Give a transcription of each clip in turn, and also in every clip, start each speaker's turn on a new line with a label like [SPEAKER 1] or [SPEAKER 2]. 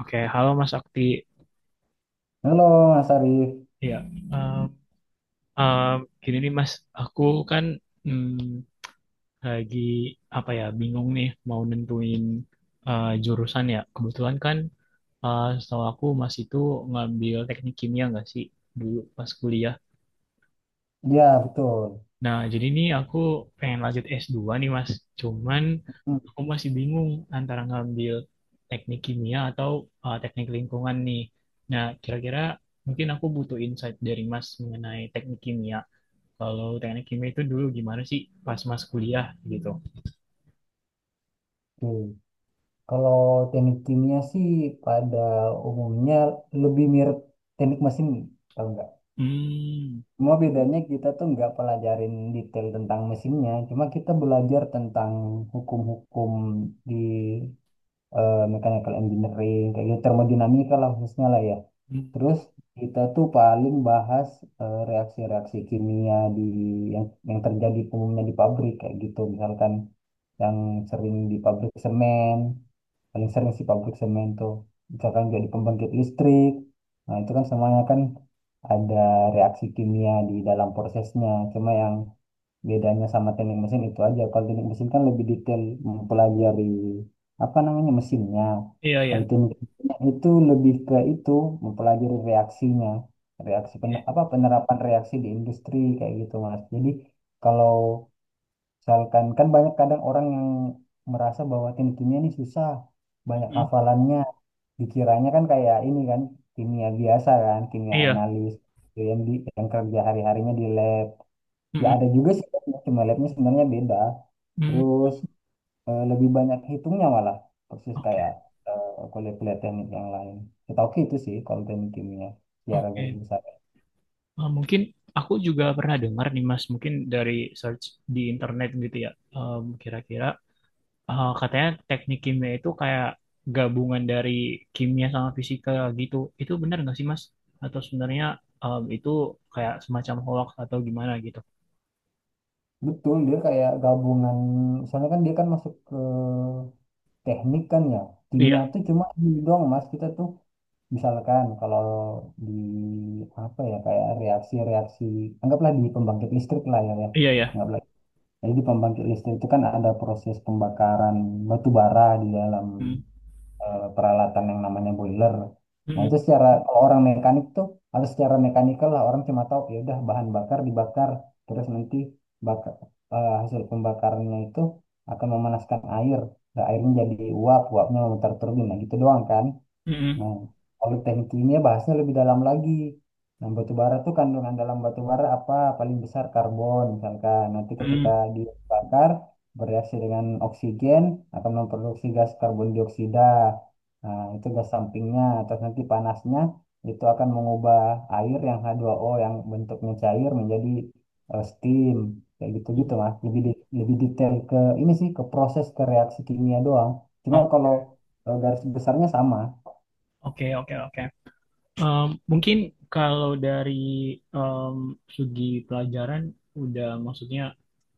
[SPEAKER 1] Oke, halo Mas Akti.
[SPEAKER 2] Halo Mas Arif,
[SPEAKER 1] Ya, em, em, gini nih Mas, aku kan mm, lagi apa ya bingung nih mau nentuin jurusan ya. Kebetulan kan setahu aku Mas itu ngambil teknik kimia nggak sih dulu pas kuliah.
[SPEAKER 2] ya betul.
[SPEAKER 1] Nah, jadi nih aku pengen lanjut S2 nih Mas. Cuman
[SPEAKER 2] Hmm,
[SPEAKER 1] aku masih bingung antara ngambil teknik kimia atau teknik lingkungan nih. Nah, kira-kira mungkin aku butuh insight dari Mas mengenai teknik kimia. Kalau teknik kimia itu dulu gimana sih pas mas kuliah gitu?
[SPEAKER 2] Oke. Kalau teknik kimia sih pada umumnya lebih mirip teknik mesin, kalau enggak.
[SPEAKER 1] Hmm.
[SPEAKER 2] Cuma bedanya kita tuh nggak pelajarin detail tentang mesinnya, cuma kita belajar tentang hukum-hukum di mechanical engineering, kayak gitu, termodinamika lah khususnya lah ya.
[SPEAKER 1] Hmm.
[SPEAKER 2] Terus kita tuh paling bahas reaksi-reaksi kimia di yang terjadi umumnya di pabrik kayak gitu. Misalkan yang sering di pabrik semen, paling sering sih pabrik semen tuh. Misalkan jadi pembangkit listrik. Nah, itu kan semuanya kan ada reaksi kimia di dalam prosesnya. Cuma yang bedanya sama teknik mesin itu aja, kalau teknik mesin kan lebih detail mempelajari apa namanya mesinnya,
[SPEAKER 1] Iya,
[SPEAKER 2] kalau
[SPEAKER 1] ya.
[SPEAKER 2] teknik kimia itu lebih ke itu, mempelajari reaksinya, reaksi
[SPEAKER 1] Iya.
[SPEAKER 2] pen- apa penerapan reaksi di industri kayak gitu, Mas. Jadi kalau misalkan kan banyak kadang orang yang merasa bahwa teknik kimia ini susah, banyak
[SPEAKER 1] Hmm.
[SPEAKER 2] hafalannya, dikiranya kan kayak ini kan kimia biasa, kan kimia
[SPEAKER 1] Iya.
[SPEAKER 2] analis yang di yang kerja hari-harinya di lab. Ya
[SPEAKER 1] Hmm.
[SPEAKER 2] ada juga sih, labnya, cuma labnya sebenarnya beda.
[SPEAKER 1] Hmm. Hmm.
[SPEAKER 2] Terus lebih banyak hitungnya malah, persis
[SPEAKER 1] Oke,
[SPEAKER 2] kayak kuliah-kuliah teknik yang lain. Setahu itu sih kalau teknik kimia secara garis
[SPEAKER 1] oke.
[SPEAKER 2] besar.
[SPEAKER 1] Ah, mungkin aku juga pernah dengar nih, Mas, mungkin dari search di internet gitu ya. Kira-kira ah, katanya teknik kimia itu kayak gabungan dari kimia sama fisika gitu. Itu benar nggak sih, Mas? Atau sebenarnya itu kayak semacam hoax atau gimana gitu?
[SPEAKER 2] Betul, dia kayak gabungan, soalnya kan dia kan masuk ke teknik kan ya. Kimia
[SPEAKER 1] Iya,
[SPEAKER 2] tuh cuma ini doang, Mas, kita tuh misalkan kalau di apa ya kayak reaksi-reaksi, anggaplah di pembangkit listrik lah ya, ya.
[SPEAKER 1] iya, ya.
[SPEAKER 2] Jadi di pembangkit listrik itu kan ada proses pembakaran batu bara di dalam
[SPEAKER 1] Hmm.
[SPEAKER 2] peralatan yang namanya boiler. Nah
[SPEAKER 1] Hmm.
[SPEAKER 2] itu secara kalau orang mekanik tuh atau secara mekanikal lah, orang cuma tahu ya udah bahan bakar dibakar, terus nanti bakar hasil pembakarannya itu akan memanaskan air. Nah, airnya jadi uap, uapnya memutar turbin. Nah gitu doang kan.
[SPEAKER 1] Hmm.
[SPEAKER 2] Nah, kalau teknik kimia bahasnya lebih dalam lagi. Nah, batu bara tuh kandungan dalam batu bara apa? Paling besar karbon misalkan. Nanti ketika
[SPEAKER 1] Hmm.
[SPEAKER 2] dibakar bereaksi dengan oksigen akan memproduksi gas karbon dioksida. Nah, itu gas sampingnya. Terus nanti panasnya itu akan mengubah air yang h dua o yang bentuknya cair menjadi steam. Kayak
[SPEAKER 1] Hmm.
[SPEAKER 2] gitu-gitu lah. Lebih di- lebih detail ke ini sih, ke proses ke reaksi kimia doang. Cuma
[SPEAKER 1] Oh,
[SPEAKER 2] kalau garis besarnya sama.
[SPEAKER 1] oke, oke, oke. Mungkin kalau dari em, segi pelajaran udah maksudnya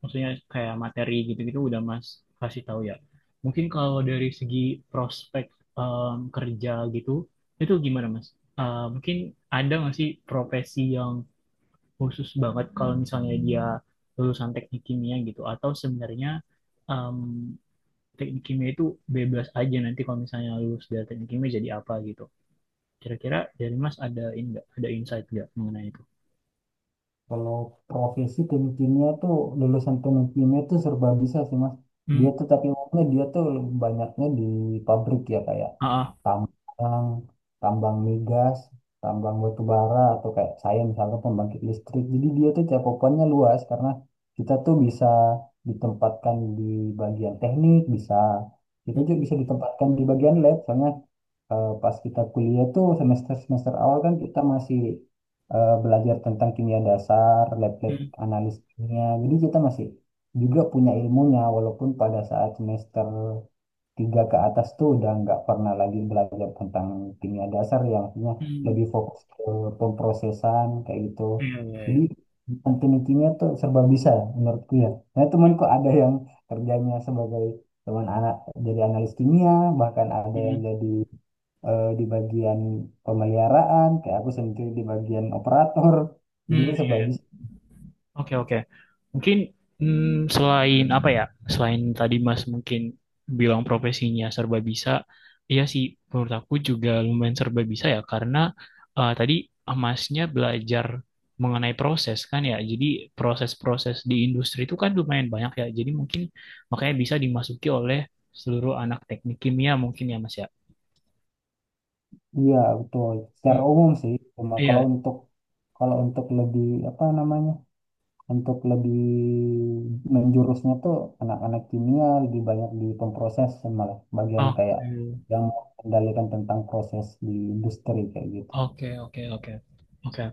[SPEAKER 1] maksudnya kayak materi gitu-gitu udah Mas kasih tahu ya. Mungkin kalau dari segi prospek kerja gitu itu gimana Mas? Mungkin ada nggak sih profesi yang khusus banget kalau misalnya dia lulusan teknik kimia gitu atau sebenarnya em, teknik kimia itu bebas aja nanti kalau misalnya lulus dari teknik kimia jadi apa gitu? Kira-kira dari Mas ada ini nggak? Ada insight nggak mengenai itu?
[SPEAKER 2] Kalau profesi tim kimia tuh, lulusan tim kimia tuh serba bisa sih, Mas.
[SPEAKER 1] Hmm,
[SPEAKER 2] Dia tuh tapi umumnya dia tuh banyaknya di pabrik ya, kayak
[SPEAKER 1] ah, ah.
[SPEAKER 2] tambang, tambang migas, tambang batu bara, atau kayak saya misalnya pembangkit listrik. Jadi dia tuh cakupannya luas karena kita tuh bisa ditempatkan di bagian teknik, bisa kita
[SPEAKER 1] Hmm,
[SPEAKER 2] juga bisa ditempatkan di bagian lab. Soalnya pas kita kuliah tuh semester-semester awal kan kita masih belajar tentang kimia dasar, lab-lab
[SPEAKER 1] hmm,
[SPEAKER 2] analis kimia. Jadi kita masih juga punya ilmunya walaupun pada saat semester 3 ke atas tuh udah nggak pernah lagi belajar tentang kimia dasar, yang artinya
[SPEAKER 1] hmm.
[SPEAKER 2] lebih fokus ke pemprosesan kayak gitu.
[SPEAKER 1] Iya, iya,
[SPEAKER 2] Jadi
[SPEAKER 1] iya.
[SPEAKER 2] tentang teknik kimia tuh serba bisa menurutku ya. Nah temanku ada yang kerjanya sebagai teman anak, jadi analis kimia, bahkan ada yang
[SPEAKER 1] Hmm,
[SPEAKER 2] jadi di bagian pemeliharaan, kayak aku sendiri di bagian operator. Jadi
[SPEAKER 1] hmm,
[SPEAKER 2] itu sebab
[SPEAKER 1] iya. Oke, oke. Mungkin selain apa ya? Selain tadi Mas mungkin bilang profesinya serba bisa, iya sih menurut aku juga lumayan serba bisa ya karena tadi Masnya belajar mengenai proses kan ya. Jadi proses-proses di industri itu kan lumayan banyak ya. Jadi mungkin makanya bisa dimasuki oleh seluruh anak teknik kimia mungkin ya Mas ya.
[SPEAKER 2] iya betul.
[SPEAKER 1] Hmm,
[SPEAKER 2] Secara umum sih, cuma kalau
[SPEAKER 1] iya.
[SPEAKER 2] untuk lebih apa namanya, untuk lebih menjurusnya tuh, anak-anak kimia lebih banyak di pemproses, malah bagian kayak
[SPEAKER 1] Oke.
[SPEAKER 2] yang mengendalikan tentang proses di industri kayak gitu.
[SPEAKER 1] Oke, oke, oke. Oke.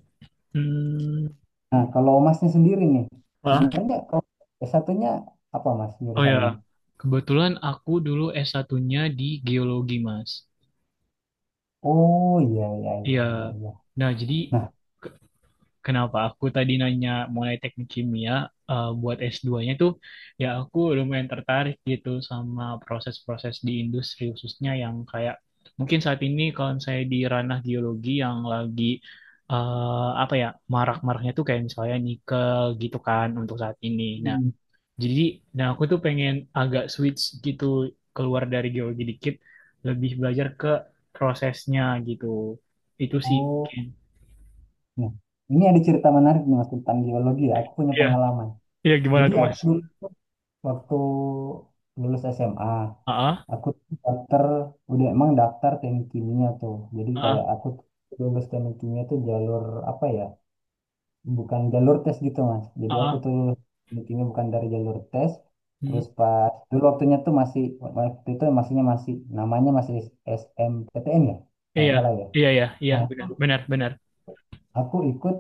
[SPEAKER 1] Hmm.
[SPEAKER 2] Nah, kalau masnya sendiri nih, sebenarnya kalau s 1 apa, Mas,
[SPEAKER 1] Oh ya,
[SPEAKER 2] jurusannya?
[SPEAKER 1] kebetulan aku dulu S1-nya di geologi, Mas.
[SPEAKER 2] Oh iya iya iya
[SPEAKER 1] Iya.
[SPEAKER 2] iya iya.
[SPEAKER 1] Nah, jadi
[SPEAKER 2] Nah,
[SPEAKER 1] ke- kenapa aku tadi nanya mulai teknik kimia buat S2-nya tuh ya aku lumayan tertarik gitu sama proses-proses di industri khususnya yang kayak mungkin saat ini kalau saya di ranah geologi yang lagi apa ya marak-maraknya tuh kayak misalnya nikel gitu kan untuk saat ini. Nah, Jadi, nah aku tuh pengen agak switch gitu keluar dari geologi dikit, lebih belajar ke prosesnya gitu. Itu sih mungkin.
[SPEAKER 2] oh, nah, ini ada cerita menarik nih, Mas, tentang geologi ya. Aku punya
[SPEAKER 1] Iya,
[SPEAKER 2] pengalaman.
[SPEAKER 1] iya gimana
[SPEAKER 2] Jadi
[SPEAKER 1] tuh
[SPEAKER 2] aku
[SPEAKER 1] Mas?
[SPEAKER 2] dulu tuh waktu lulus SMA,
[SPEAKER 1] Ah,
[SPEAKER 2] aku tuh daftar udah emang daftar teknik kimia tuh. Jadi kayak
[SPEAKER 1] ah,
[SPEAKER 2] aku tuh lulus teknik kimia tuh jalur apa ya? Bukan jalur tes gitu, Mas. Jadi aku
[SPEAKER 1] ah,
[SPEAKER 2] tuh lulus teknik kimia bukan dari jalur tes. Terus
[SPEAKER 1] hmm,
[SPEAKER 2] pas dulu waktunya tuh masih waktu itu masihnya masih namanya masih SMPTN ya, kalau
[SPEAKER 1] iya,
[SPEAKER 2] nggak salah ya.
[SPEAKER 1] iya, iya, iya,
[SPEAKER 2] Nah,
[SPEAKER 1] benar, benar, benar.
[SPEAKER 2] aku ikut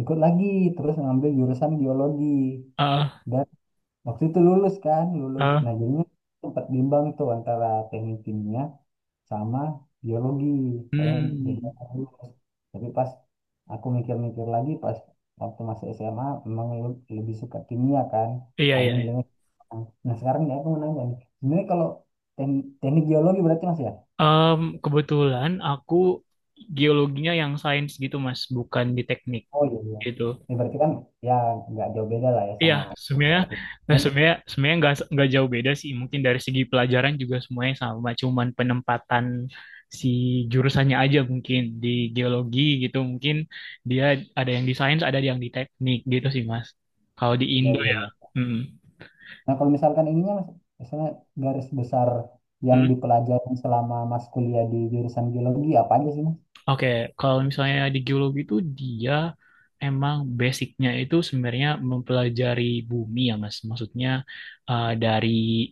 [SPEAKER 2] ikut lagi terus ngambil jurusan biologi
[SPEAKER 1] Ah,
[SPEAKER 2] dan waktu itu lulus kan lulus,
[SPEAKER 1] ah,
[SPEAKER 2] nah jadinya sempat bimbang tuh antara teknik kimia sama biologi, soalnya beda
[SPEAKER 1] hmm,
[SPEAKER 2] kan lulus, tapi pas aku mikir-mikir lagi pas waktu masih SMA memang lu- lebih suka kimia kan,
[SPEAKER 1] iya, iya.
[SPEAKER 2] akhirnya
[SPEAKER 1] Iya.
[SPEAKER 2] milihnya kimia. Nah sekarang nih aku mau nanya nih, sebenarnya kalau teknik, teknik biologi berarti, Mas, ya?
[SPEAKER 1] Kebetulan aku geologinya yang sains gitu Mas, bukan di teknik
[SPEAKER 2] Oh iya iya.
[SPEAKER 1] gitu.
[SPEAKER 2] Ini berarti kan ya nggak jauh beda lah ya
[SPEAKER 1] Iya,
[SPEAKER 2] sama
[SPEAKER 1] sebenarnya
[SPEAKER 2] kayak gitu.
[SPEAKER 1] nah sebenarnya sebenarnya nggak jauh beda sih. Mungkin dari segi pelajaran juga semuanya sama, cuman penempatan si jurusannya aja mungkin di geologi gitu mungkin dia ada yang di sains, ada yang di teknik gitu sih, Mas. Kalau di
[SPEAKER 2] Iya,
[SPEAKER 1] Indo
[SPEAKER 2] iya,
[SPEAKER 1] ya.
[SPEAKER 2] iya.
[SPEAKER 1] Mm.
[SPEAKER 2] Nah, kalau misalkan ininya, Mas, misalnya garis besar yang dipelajari selama Mas kuliah di jurusan geologi, apa aja sih, Mas?
[SPEAKER 1] Oke, kalau misalnya di geologi itu dia emang basicnya itu sebenarnya mempelajari bumi ya Mas. Maksudnya dari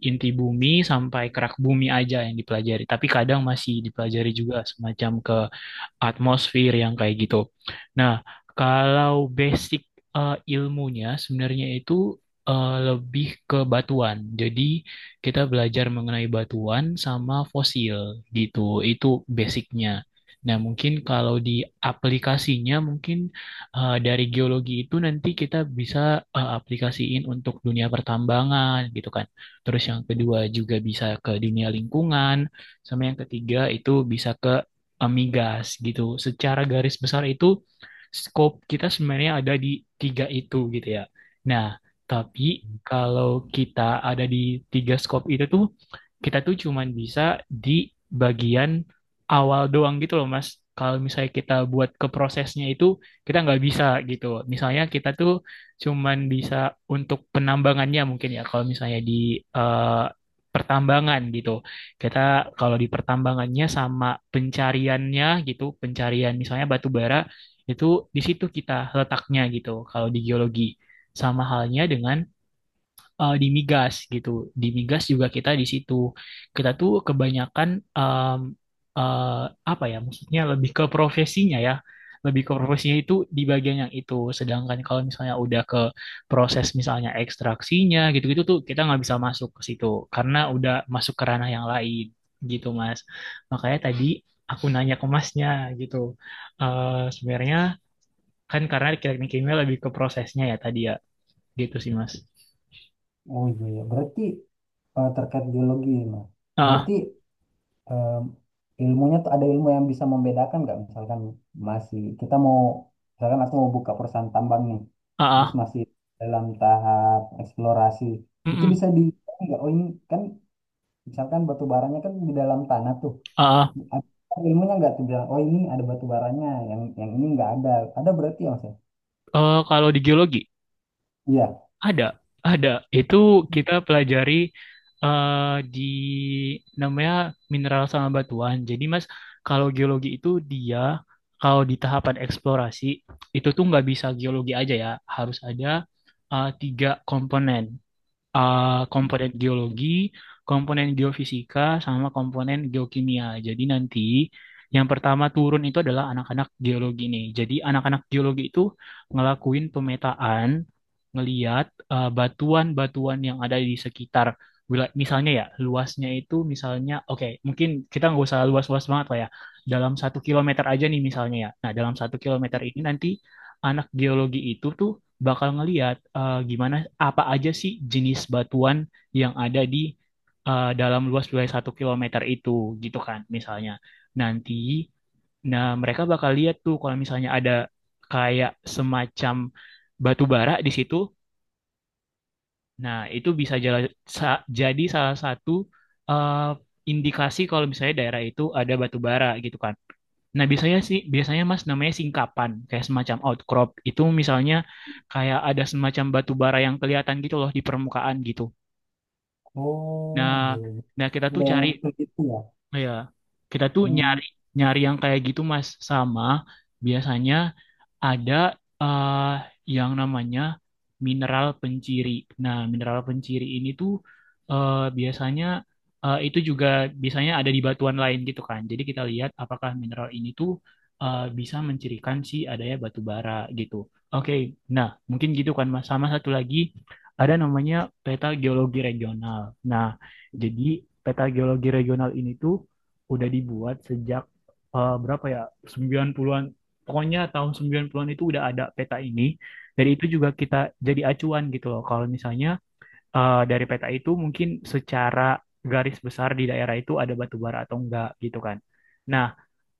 [SPEAKER 1] inti bumi sampai kerak bumi aja yang dipelajari. Tapi kadang masih dipelajari juga semacam ke atmosfer yang kayak gitu. Nah, kalau basic ilmunya sebenarnya itu lebih ke batuan. Jadi kita belajar mengenai batuan sama fosil gitu. Itu basicnya. Nah, mungkin kalau di aplikasinya mungkin dari geologi itu nanti kita bisa aplikasiin untuk dunia pertambangan gitu kan. Terus yang kedua juga bisa ke dunia lingkungan, sama yang ketiga itu bisa ke Amigas gitu. Secara garis besar itu scope kita sebenarnya ada di tiga itu gitu ya. Nah, tapi kalau kita ada di tiga scope itu tuh kita tuh cuman bisa di bagian awal doang gitu loh Mas. Kalau misalnya kita buat ke prosesnya itu kita nggak bisa gitu. Misalnya kita tuh cuman bisa untuk penambangannya mungkin ya kalau misalnya di eh, pertambangan gitu. Kita kalau di pertambangannya sama pencariannya gitu, pencarian misalnya batu bara itu di situ kita letaknya gitu kalau di geologi. Sama halnya dengan di migas gitu. Di migas juga kita di situ. Kita tuh kebanyakan em, eh, apa ya maksudnya lebih ke profesinya ya. Lebih ke profesinya itu di bagian yang itu. Sedangkan kalau misalnya udah ke proses misalnya ekstraksinya gitu-gitu tuh kita nggak bisa masuk ke situ karena udah masuk ke ranah yang lain gitu Mas. Makanya tadi aku nanya ke Masnya gitu. Sebenarnya kan karena teknik kimia lebih ke prosesnya ya tadi ya. Gitu sih Mas.
[SPEAKER 2] Oh iya, iya. Berarti terkait geologi, Mas.
[SPEAKER 1] Ah,
[SPEAKER 2] Berarti eh, ilmunya tuh ada ilmu yang bisa membedakan nggak? Misalkan masih, kita mau, misalkan aku mau buka perusahaan tambang nih,
[SPEAKER 1] ah,
[SPEAKER 2] terus
[SPEAKER 1] ah.
[SPEAKER 2] masih dalam tahap eksplorasi, itu
[SPEAKER 1] Mm-mm.
[SPEAKER 2] bisa di, nggak? Oh ini kan, misalkan batu baranya kan di dalam tanah tuh,
[SPEAKER 1] Ah,
[SPEAKER 2] apa ilmunya nggak tuh bilang, oh ini ada batu baranya, yang ini nggak ada. Ada berarti ya, Mas, ya?
[SPEAKER 1] kalau di geologi
[SPEAKER 2] Iya.
[SPEAKER 1] ada, ada. Itu kita pelajari di namanya mineral sama batuan. Jadi Mas, kalau geologi itu dia kalau di tahapan eksplorasi itu tuh nggak bisa geologi aja ya, harus ada tiga komponen. eh, Komponen geologi, komponen geofisika, sama komponen geokimia. Jadi nanti yang pertama turun itu adalah anak-anak geologi nih. Jadi anak-anak geologi itu ngelakuin pemetaan, ngeliat batuan-batuan yang ada di sekitar wilayah. Misalnya ya, luasnya itu misalnya, oke, mungkin kita nggak usah luas-luas banget lah ya. Dalam 1 kilometer aja nih misalnya ya. Nah, dalam 1 kilometer ini nanti anak geologi itu tuh bakal ngelihat gimana apa aja sih jenis batuan yang ada di dalam luas wilayah 1 kilometer itu gitu kan misalnya. Nanti nah mereka bakal lihat tuh kalau misalnya ada kayak semacam batu bara di situ. Nah, itu bisa jadi salah satu eh, indikasi kalau misalnya daerah itu ada batu bara gitu kan. Nah, biasanya sih, biasanya Mas namanya singkapan, kayak semacam outcrop. Itu misalnya kayak ada semacam batu bara yang kelihatan gitu loh di permukaan gitu. Nah,
[SPEAKER 2] Oh, iya, iya.
[SPEAKER 1] nah kita
[SPEAKER 2] Ada
[SPEAKER 1] tuh
[SPEAKER 2] yang
[SPEAKER 1] cari,
[SPEAKER 2] muncul gitu ya?
[SPEAKER 1] ya, kita tuh
[SPEAKER 2] Hmm,
[SPEAKER 1] nyari, nyari yang kayak gitu Mas. Sama biasanya ada eh, yang namanya mineral penciri. Nah, mineral penciri ini tuh biasanya itu juga biasanya ada di batuan lain gitu kan. Jadi kita lihat apakah mineral ini tuh bisa mencirikan si adanya batu bara gitu. Oke, nah mungkin gitu kan Mas. Sama satu lagi ada namanya peta geologi regional. Nah, jadi peta geologi regional ini tuh udah dibuat sejak berapa ya? 90-an. Pokoknya tahun 90-an itu udah ada peta ini. Dari itu juga kita jadi acuan gitu loh. Kalau misalnya dari peta itu mungkin secara garis besar di daerah itu ada batu bara atau enggak gitu kan. Nah,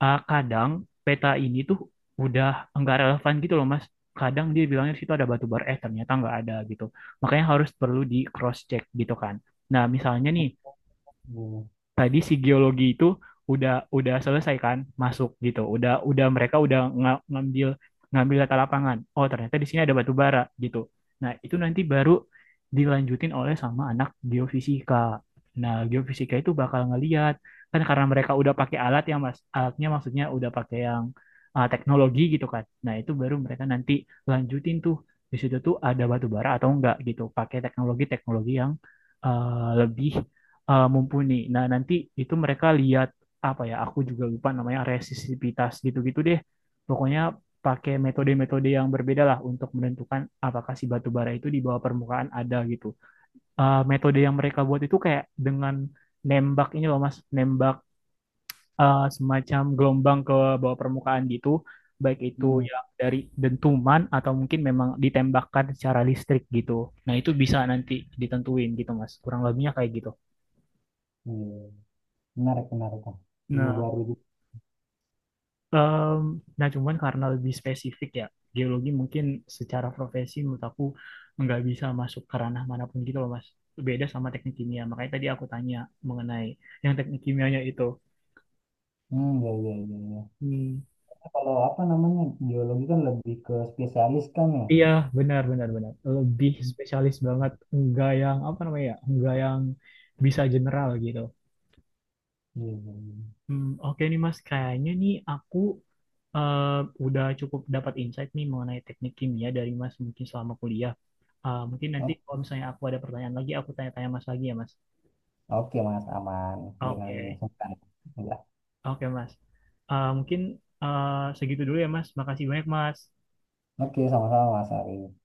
[SPEAKER 1] kadang peta ini tuh udah enggak relevan gitu loh Mas. Kadang dia bilangnya di situ ada batu bara, eh ternyata enggak ada gitu. Makanya harus perlu di cross check gitu kan. Nah, misalnya nih
[SPEAKER 2] iya.
[SPEAKER 1] tadi si geologi itu udah selesai kan masuk gitu udah mereka udah ngambil ngambil data lapangan oh ternyata di sini ada batu bara gitu. Nah itu nanti baru dilanjutin oleh sama anak geofisika. Nah geofisika itu bakal ngeliat kan karena mereka udah pakai alat yang mas alatnya maksudnya udah pakai yang teknologi gitu kan. Nah itu baru mereka nanti lanjutin tuh di situ tuh ada batu bara atau enggak gitu pakai teknologi-teknologi yang lebih mumpuni. Nah, nanti itu mereka lihat apa ya? Aku juga lupa namanya resistivitas gitu-gitu deh. Pokoknya pakai metode-metode yang berbeda lah untuk menentukan apakah si batu bara itu di bawah permukaan ada gitu. Metode yang mereka buat itu kayak dengan nembak ini loh Mas, nembak semacam gelombang ke bawah permukaan gitu, baik itu
[SPEAKER 2] Hmm,
[SPEAKER 1] yang dari dentuman atau mungkin memang ditembakkan secara listrik gitu. Nah, itu bisa nanti ditentuin gitu Mas, kurang lebihnya kayak gitu.
[SPEAKER 2] iya. Menarik, menarik, Kak. Ilmu
[SPEAKER 1] Nah,
[SPEAKER 2] baru gitu.
[SPEAKER 1] Em, nah, cuman karena lebih spesifik ya, geologi mungkin secara profesi menurut aku nggak bisa masuk ke ranah manapun gitu loh, Mas. Beda sama teknik kimia. Makanya tadi aku tanya mengenai yang teknik kimianya itu.
[SPEAKER 2] Hmm, iya, iya, iya, iya.
[SPEAKER 1] Hmm.
[SPEAKER 2] Karena kalau apa namanya, geologi kan lebih ke spesialis kan ya?
[SPEAKER 1] Iya, benar, benar, benar. Lebih
[SPEAKER 2] Hmm,
[SPEAKER 1] spesialis banget. Nggak yang, apa namanya ya, nggak yang bisa general gitu.
[SPEAKER 2] iya, iya, iya.
[SPEAKER 1] Hmm, oke nih, Mas. Kayaknya nih aku eh, udah cukup dapat insight nih mengenai teknik kimia dari Mas mungkin selama kuliah. Mungkin nanti
[SPEAKER 2] O-
[SPEAKER 1] kalau misalnya aku ada pertanyaan lagi, aku tanya-tanya Mas lagi ya Mas.
[SPEAKER 2] Oke, Mas, aman. Jangan
[SPEAKER 1] Oke,
[SPEAKER 2] sungkan. Ya.
[SPEAKER 1] Oke Mas. Mungkin eh, segitu dulu ya Mas. Makasih banyak Mas.
[SPEAKER 2] Oke, sama-sama, Mas Ari.